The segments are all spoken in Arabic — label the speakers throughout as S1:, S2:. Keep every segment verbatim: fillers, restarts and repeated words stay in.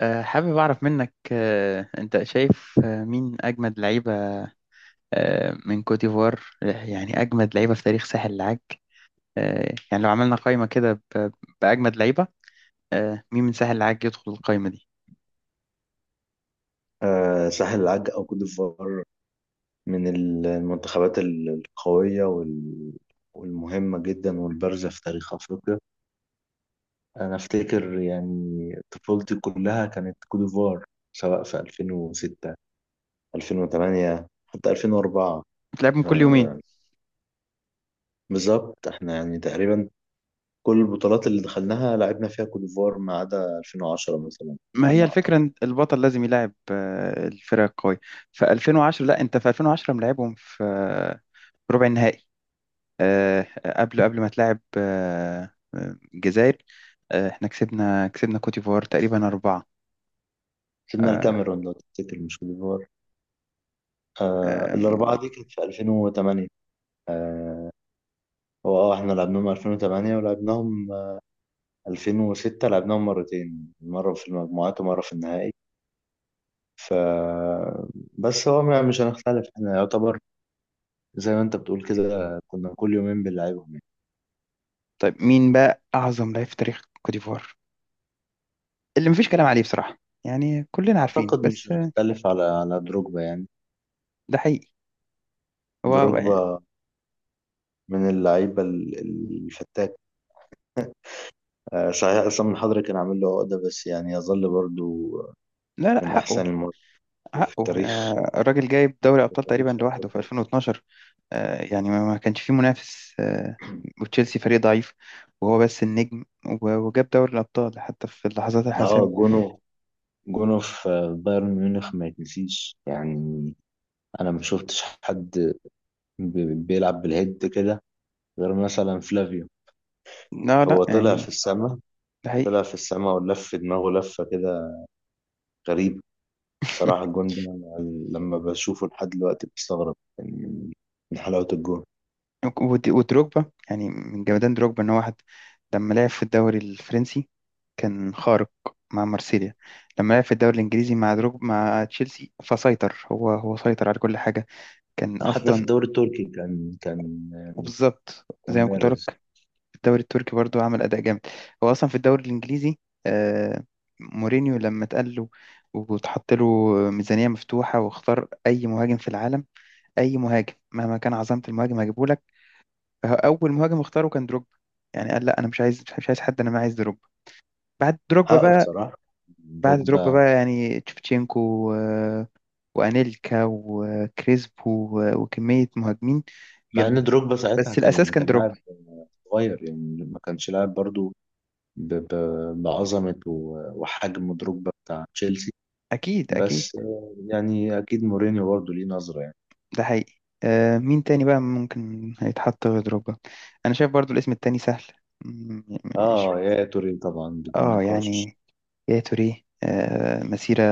S1: آه، حابب أعرف منك آه، أنت شايف آه، مين أجمد لعيبة آه، من كوت ديفوار، آه، يعني أجمد لعيبة في تاريخ ساحل العاج. آه، يعني لو عملنا قائمة كده ب- بأجمد لعيبة. آه، مين من ساحل العاج يدخل القائمة دي؟
S2: آه، ساحل العاج أو كوت ديفوار من المنتخبات القوية وال- والمهمة جدا والبارزة في تاريخ أفريقيا. أنا أفتكر يعني طفولتي كلها كانت كوت ديفوار، سواء في ألفين وستة، ألفين وتمانية، حتى ألفين واربعة.
S1: بتلعبهم كل يومين.
S2: آه، بالظبط، احنا يعني تقريبا كل البطولات اللي دخلناها لعبنا فيها كوت ديفوار ما عدا ألفين وعشرة مثلا،
S1: ما
S2: على
S1: هي
S2: ما أعتقد.
S1: الفكرة إن البطل لازم يلاعب آه، الفرق القوية. في ألفين وعشرة، لا أنت في ألفين وعشرة ملاعبهم في آه، في ربع النهائي. آه، قبل قبل ما تلاعب آه، آه، الجزائر. آه، احنا كسبنا كسبنا كوت ديفوار تقريبا أربعة.
S2: كسبنا
S1: آه،
S2: الكاميرون لو تفتكر، مش كوت ديفوار. آه،
S1: أم،
S2: الأربعة دي كانت في ألفين وتمانية. هو اه احنا لعبناهم ألفين وتمانية ولعبناهم ألفين وستة، لعبناهم مرتين، مرة في المجموعات ومرة في النهائي. ف بس هو ما- مش هنختلف، احنا يعتبر زي ما انت بتقول كده كنا كل يومين بنلعبهم يعني.
S1: طيب مين بقى أعظم لعيب في تاريخ كوت ديفوار اللي مفيش كلام عليه بصراحة؟ يعني كلنا عارفين
S2: اعتقد مش
S1: بس آه،
S2: هنختلف على على دروجبا يعني.
S1: ده حقيقي. هو هو يعني-
S2: دروجبا من اللعيبة ال- ال- الفتاك. آه، صحيح عصام الحضري كان عامل له عقدة، بس يعني يظل برضو
S1: لا لا،
S2: من
S1: حقه.
S2: احسن المواقف في
S1: حقه
S2: التاريخ،
S1: آه، الراجل جايب دوري
S2: في
S1: أبطال تقريبا
S2: تاريخ
S1: لوحده في
S2: افريقيا.
S1: ألفين واتناشر. آه، يعني ما ما كانش فيه منافس، آه، وتشيلسي فريق ضعيف وهو بس النجم، و- وجاب دوري الأبطال حتى في اللحظات
S2: اه
S1: الحاسمة.
S2: جونه، جونه في بايرن ميونخ ما يتنسيش يعني. انا ما شفتش حد ب- بيلعب بالهيد كده غير مثلا فلافيو.
S1: لا لا
S2: هو طلع في
S1: يعني،
S2: السماء،
S1: ده حقيقي.
S2: طلع في السماء ولف دماغه لفة كده غريبة. بصراحة الجون ده أنا لما بشوفه لحد دلوقتي بستغرب من من حلاوة الجون.
S1: ود- ودروجبا، يعني من جمدان دروجبا ان هو واحد. لما لعب في الدوري الفرنسي كان خارق مع مارسيليا. لما لعب في الدوري الانجليزي مع دروب مع تشيلسي، فسيطر. هو هو سيطر على كل حاجه. كان
S2: حتى في
S1: اصلا،
S2: الدوري التركي كان كان
S1: وبالظبط زي
S2: كان
S1: ما كنت
S2: بارز.
S1: بقولك، في الدوري التركي برضو عمل اداء جامد. هو اصلا في الدوري الانجليزي، آه، مورينيو لما اتقال له وتحط له ميزانيه مفتوحه واختار اي مهاجم في العالم، اي مهاجم مهما كان عظمه المهاجم هجيبه لك، فهو اول مهاجم اختاره كان دروب. يعني قال لا، انا مش عايز، مش عايز حد، انا ما عايز دروب. بعد دروجبا
S2: حقه
S1: بقى،
S2: بصراحة
S1: بعد دروجبا
S2: دروجبا.
S1: بقى يعني تشفتشينكو و- وانيلكا وكريسبو و- وكمية مهاجمين
S2: مع ان
S1: جامدين،
S2: دروجبا ساعتها
S1: بس الأساس
S2: كان
S1: كان
S2: كان لاعب
S1: دروجبا.
S2: صغير يعني، ما كانش لاعب برضو ب- ب- بعظمة و- وحجم دروجبا بتاع تشيلسي.
S1: أكيد أكيد.
S2: بس آه، يعني أكيد مورينيو برضه ليه نظرة يعني.
S1: ده حقيقي. آه، مين تاني بقى ممكن هيتحط غير دروجبا؟ أنا شايف برضو الاسم التاني سهل. م- م- مش،
S2: آه يا توري طبعا بدون
S1: آه
S2: نقاش.
S1: يعني يا توريه، آه، مسيرة،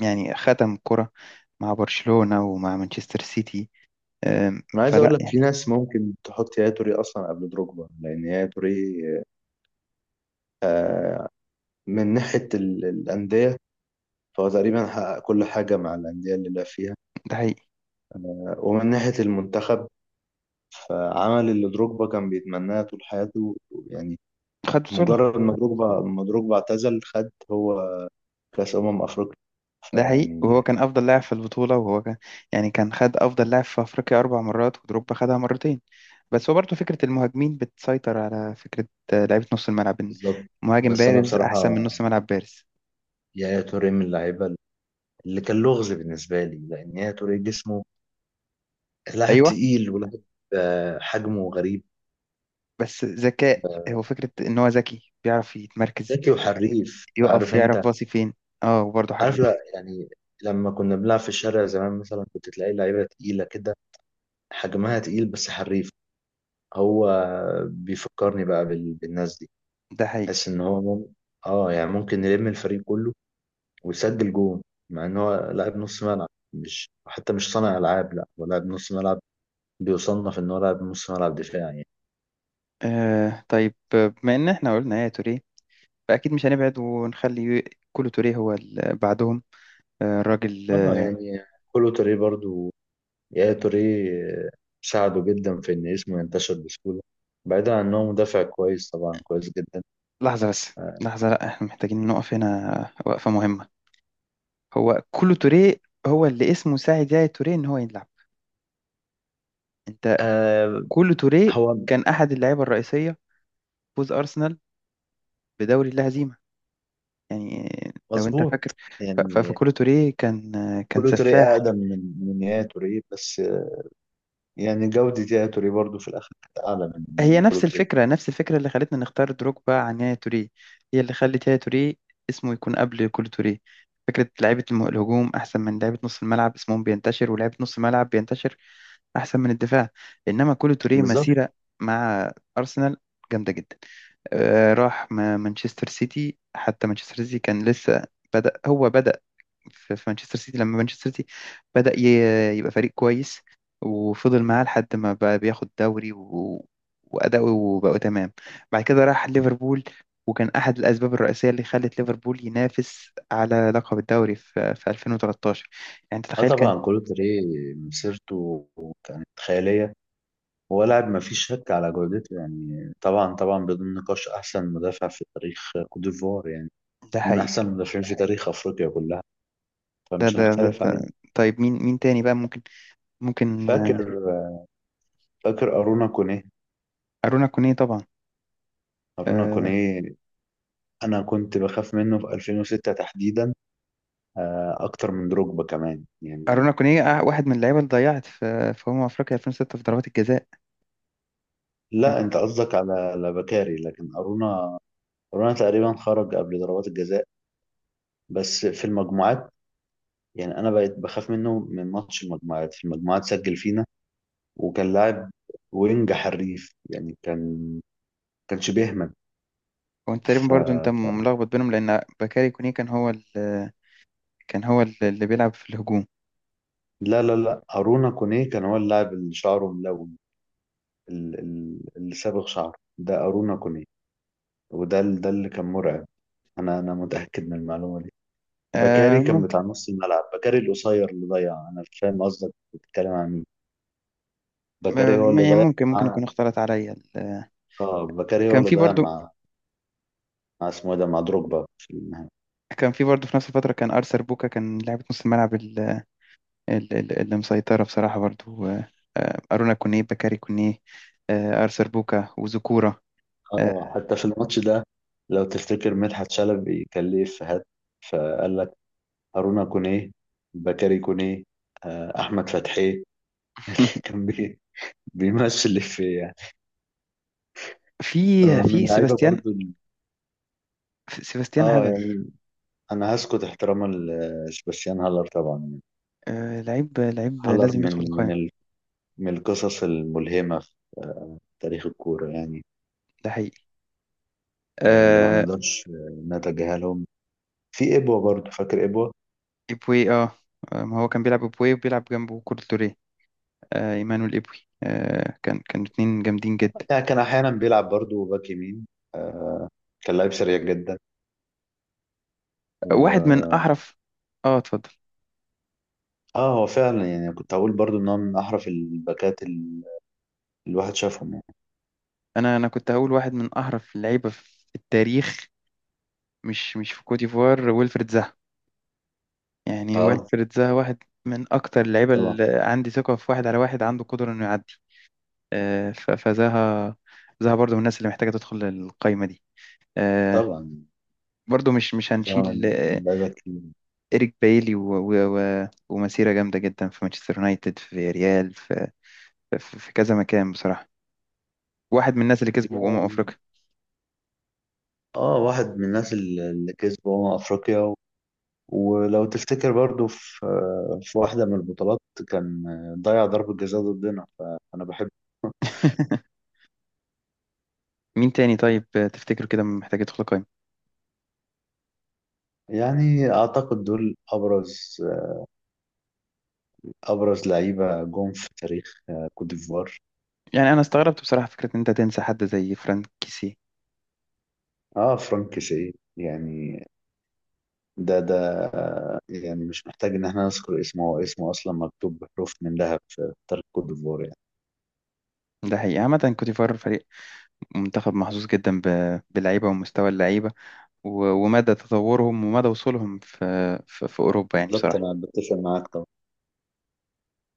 S1: يعني ختم كرة مع برشلونة ومع مانشستر سيتي. آه،
S2: أنا عايز أقول
S1: فلا
S2: لك في
S1: يعني،
S2: ناس ممكن تحط يا توري أصلا قبل دروجبا، لأن يا توري آه، من ناحية ال- الأندية، فهو تقريبا حقق كل حاجة مع الأندية اللي لعب فيها.
S1: ده حقيقي.
S2: ومن ناحية المنتخب، فعمل اللي دروجبا كان بيتمناه طول حياته يعني.
S1: خد بطولة.
S2: مجرد ما دروجبا ما دروجبا اعتزل، خد هو كأس أمم أفريقيا.
S1: ده حقيقي، وهو
S2: فيعني
S1: كان أفضل لاعب في البطولة، وهو كان يعني كان خد أفضل لاعب في أفريقيا أربع مرات، ودروجبا خدها مرتين. بس هو برضه فكرة المهاجمين بتسيطر على فكرة آه، لعيبة نص الملعب، إن
S2: بالظبط.
S1: مهاجم
S2: بس انا
S1: بارز
S2: بصراحه
S1: أحسن من نص ملعب بارز.
S2: يا توريه من اللعيبه اللي كان لغز بالنسبه لي، لان يا توريه جسمه لاعب
S1: أيوه،
S2: تقيل ولاعب، آه، حجمه غريب.
S1: بس ذكاء، هو فكرة إن هو ذكي بيعرف يتمركز،
S2: ذكي وحريف،
S1: يقف،
S2: عارف
S1: يعرف
S2: انت،
S1: باصي فين. اه وبرضه
S2: عارف، لا
S1: حريف.
S2: يعني لما كنا بنلعب في الشارع زمان مثلا كنت تلاقي لعيبه تقيله كده، حجمها تقيل بس حريف. هو بيفكرني بقى بال- بالناس دي.
S1: ده حقيقي.
S2: بحس ان هو مم... اه يعني ممكن يلم الفريق كله وسجل جون، مع ان هو لاعب نص ملعب، مش حتى مش صانع العاب، لا هو لاعب نص ملعب، بيصنف ان هو لاعب نص ملعب دفاعي يعني.
S1: آه طيب، آه، بما إن إحنا قلنا يا توريه، فأكيد مش هنبعد ونخلي كولو توريه هو اللي بعدهم. آه، الراجل،
S2: اه يعني كولو توريه برضو، يا توريه ساعده جدا في ان اسمه ينتشر بسهوله، بعيدا عن انه مدافع كويس، طبعا كويس جدا.
S1: لحظة بس،
S2: آه.
S1: لحظة، لأ احنا محتاجين نقف هنا وقفة مهمة. هو كولو توريه هو اللي اسمه ساعد يا توريه إن هو يلعب؟ أنت،
S2: آه،
S1: كولو توريه
S2: هو
S1: كان أحد اللعيبة الرئيسية، فوز أرسنال بدوري اللا هزيمة، يعني لو أنت
S2: مظبوط
S1: فاكر. ف- ف-
S2: يعني.
S1: فكولو توريه كان كان
S2: كولو توريه
S1: سفاح.
S2: اقدم من من يا توريه، بس يعني جوده يا توريه برضو في الاخر كانت اعلى من
S1: هي
S2: من كولو
S1: نفس
S2: توريه.
S1: الفكرة، نفس الفكرة اللي خلتنا نختار دروجبا عن يايا توريه، هي اللي خلت يايا توريه اسمه يكون قبل كول توريه. فكرة لعيبة الم- الهجوم أحسن من لعيبة نص الملعب، اسمهم بينتشر، ولعيبة نص الملعب بينتشر أحسن من الدفاع. إنما كول توريه
S2: بالظبط.
S1: مسيرة مع أرسنال جامدة جدا. آه، راح ما- مانشستر سيتي، حتى مانشستر سيتي كان لسه بدأ. هو بدأ في في مانشستر سيتي لما مانشستر سيتي بدأ ي- يبقى فريق كويس، وفضل معاه لحد ما بقى بياخد دوري، و... وأداؤه وبقوا تمام. بعد كده راح ليفربول، وكان أحد الأسباب الرئيسية اللي خلت ليفربول ينافس على لقب الدوري في, في ألفين وتلتاشر. يعني
S2: اه
S1: تتخيل كان
S2: طبعا كولوتري مسيرته كانت خيالية. هو لاعب ما فيش شك على جودته يعني، طبعا طبعا بدون نقاش أحسن مدافع في تاريخ كوت ديفوار يعني،
S1: ده
S2: من
S1: حقيقي.
S2: أحسن المدافعين في تاريخ أفريقيا كلها،
S1: ده
S2: فمش
S1: ده, ده,
S2: هنختلف
S1: ده.
S2: عليه.
S1: طيب مين، مين تاني بقى ممكن ممكن
S2: فاكر
S1: آه،
S2: فاكر أرونا كونيه.
S1: أرونا كونيه طبعا.
S2: أرونا
S1: آه،
S2: كونيه، أنا كنت بخاف منه في ألفين وستة تحديدا، آه، أكتر من دروجبا كمان يعني.
S1: أرونا كونيه آه، واحد من اللعيبة اللي ضيعت في في أمم أفريقيا ألفين وستة في ضربات الجزاء.
S2: لا أنت قصدك على على بكاري، لكن أرونا، أرونا تقريبا خرج قبل ضربات الجزاء، بس في المجموعات. يعني انا بقيت بخاف منه من ماتش المجموعات، في المجموعات سجل فينا، وكان لاعب وينج حريف يعني، كان كانش بيهمل.
S1: وانت تقريبا
S2: ف...
S1: برضو انت
S2: ف...
S1: ملخبط بينهم، لان بكاري كوني كان هو ال- كان هو ال- اللي بيلعب في الهجوم.
S2: لا لا لا، أرونا كونيه كان هو اللاعب اللي شعره ملون، ال- ال- اللي صابغ شعره، ده أرونا كونيه، وده ال- ده اللي كان مرعب. انا انا متأكد من المعلومة دي.
S1: آه
S2: بكاري كان
S1: ممكن،
S2: بتاع نص الملعب، بكاري القصير اللي ضيع. انا مش فاهم قصدك بتتكلم عن مين.
S1: آه،
S2: بكاري هو اللي
S1: يعني
S2: ضيع
S1: ممكن، ممكن
S2: مع،
S1: يكون اختلط عليا ال-
S2: اه بكاري هو
S1: كان
S2: اللي
S1: في
S2: ضيع
S1: برضو،
S2: مع، مع اسمه إيه ده، مع دروجبا في النهائي.
S1: كان في برضو في نفس الفترة كان أرثر بوكا، كان لاعب نص الملعب ال- ال- ال- اللي مسيطرة بصراحة برضو، آه، آه، أرونا كونيه، بكاري كونيه، آه، أرثر بوكا، وزكورة. آه،
S2: اه حتى في الماتش ده لو تفتكر مدحت شلبي كان ليه افيهات، فقال لك هارونا كونيه، بكاري كونيه، آه، احمد فتحي. كان بي- بيمثل الافيه يعني. آه،
S1: في في
S2: من لعيبه
S1: سيباستيان،
S2: برضو ال-
S1: سيباستيان
S2: اه
S1: هالر.
S2: يعني انا هسكت احتراما لسباستيان هالر طبعا يعني.
S1: آه، لعيب لعيب
S2: هالر
S1: لازم يدخل
S2: من من
S1: القائمة.
S2: ال... من القصص الملهمه في تاريخ الكوره يعني.
S1: ده حقيقي.
S2: آه، اللي ما
S1: آه،
S2: نقدرش آه، نتجاهلهم في ابوه برضو، فاكر ابوه.
S1: إبوي اه. آه، ما هو كان بيلعب إبوي وبيلعب جنبه كولتوريه. آه إيمانويل إبوي، آه كان، كانوا اتنين جامدين جدا.
S2: يعني كان احيانا بيلعب برضو باك يمين. آه، كان لعيب سريع جدا.
S1: واحد من
S2: و
S1: أحرف. اه اتفضل.
S2: اه هو فعلا يعني كنت هقول برضو ان هو من احرف الباكات ال- الواحد شافهم يعني.
S1: أنا أنا كنت هقول واحد من أحرف اللعيبة في التاريخ، مش مش في كوت ديفوار، ويلفريد زاها. يعني
S2: اه
S1: ويلفريد زاها واحد من أكتر اللعيبة
S2: طبعا
S1: اللي عندي ثقة في واحد على واحد عنده قدرة إنه يعدي. آه ف- فزاها، زاها برضو من الناس اللي محتاجة تدخل القايمة دي. آه،
S2: طبعا.
S1: برضو مش مش هنشيل
S2: فاهم، اللعيبه كتير.
S1: إيريك بايلي و... و... و... ومسيرة جامدة جدا في مانشستر يونايتد، في ريال، في... في... في كذا مكان بصراحة. واحد من الناس اللي كسبوا أمم أفريقيا.
S2: اه واحد من الناس ال- اللي كسبوا أمم افريقيا و- ولو تفتكر برضو في في واحده من البطولات كان ضيع ضربه جزاء ضدنا، فانا بحب.
S1: مين تاني طيب تفتكره كده محتاج يدخل قائمة؟
S2: يعني اعتقد دول ابرز ابرز لعيبه جم في تاريخ كوت ديفوار.
S1: يعني أنا استغربت بصراحة فكرة إن أنت تنسى حد زي فرانك كيسي.
S2: اه فرانك سي يعني، ده ده، آه، يعني مش محتاج ان احنا نذكر اسمه، هو اسمه اصلا مكتوب بحروف من ذهب في تاريخ كوت ديفوار يعني.
S1: ده حقيقي. عامة كوتيفار فريق، منتخب محظوظ جدا ب... باللعيبة ومستوى اللعيبة و... ومدى تطورهم ومدى وصولهم في... في... في أوروبا يعني
S2: بالظبط، انا
S1: بصراحة.
S2: بتفق معاك.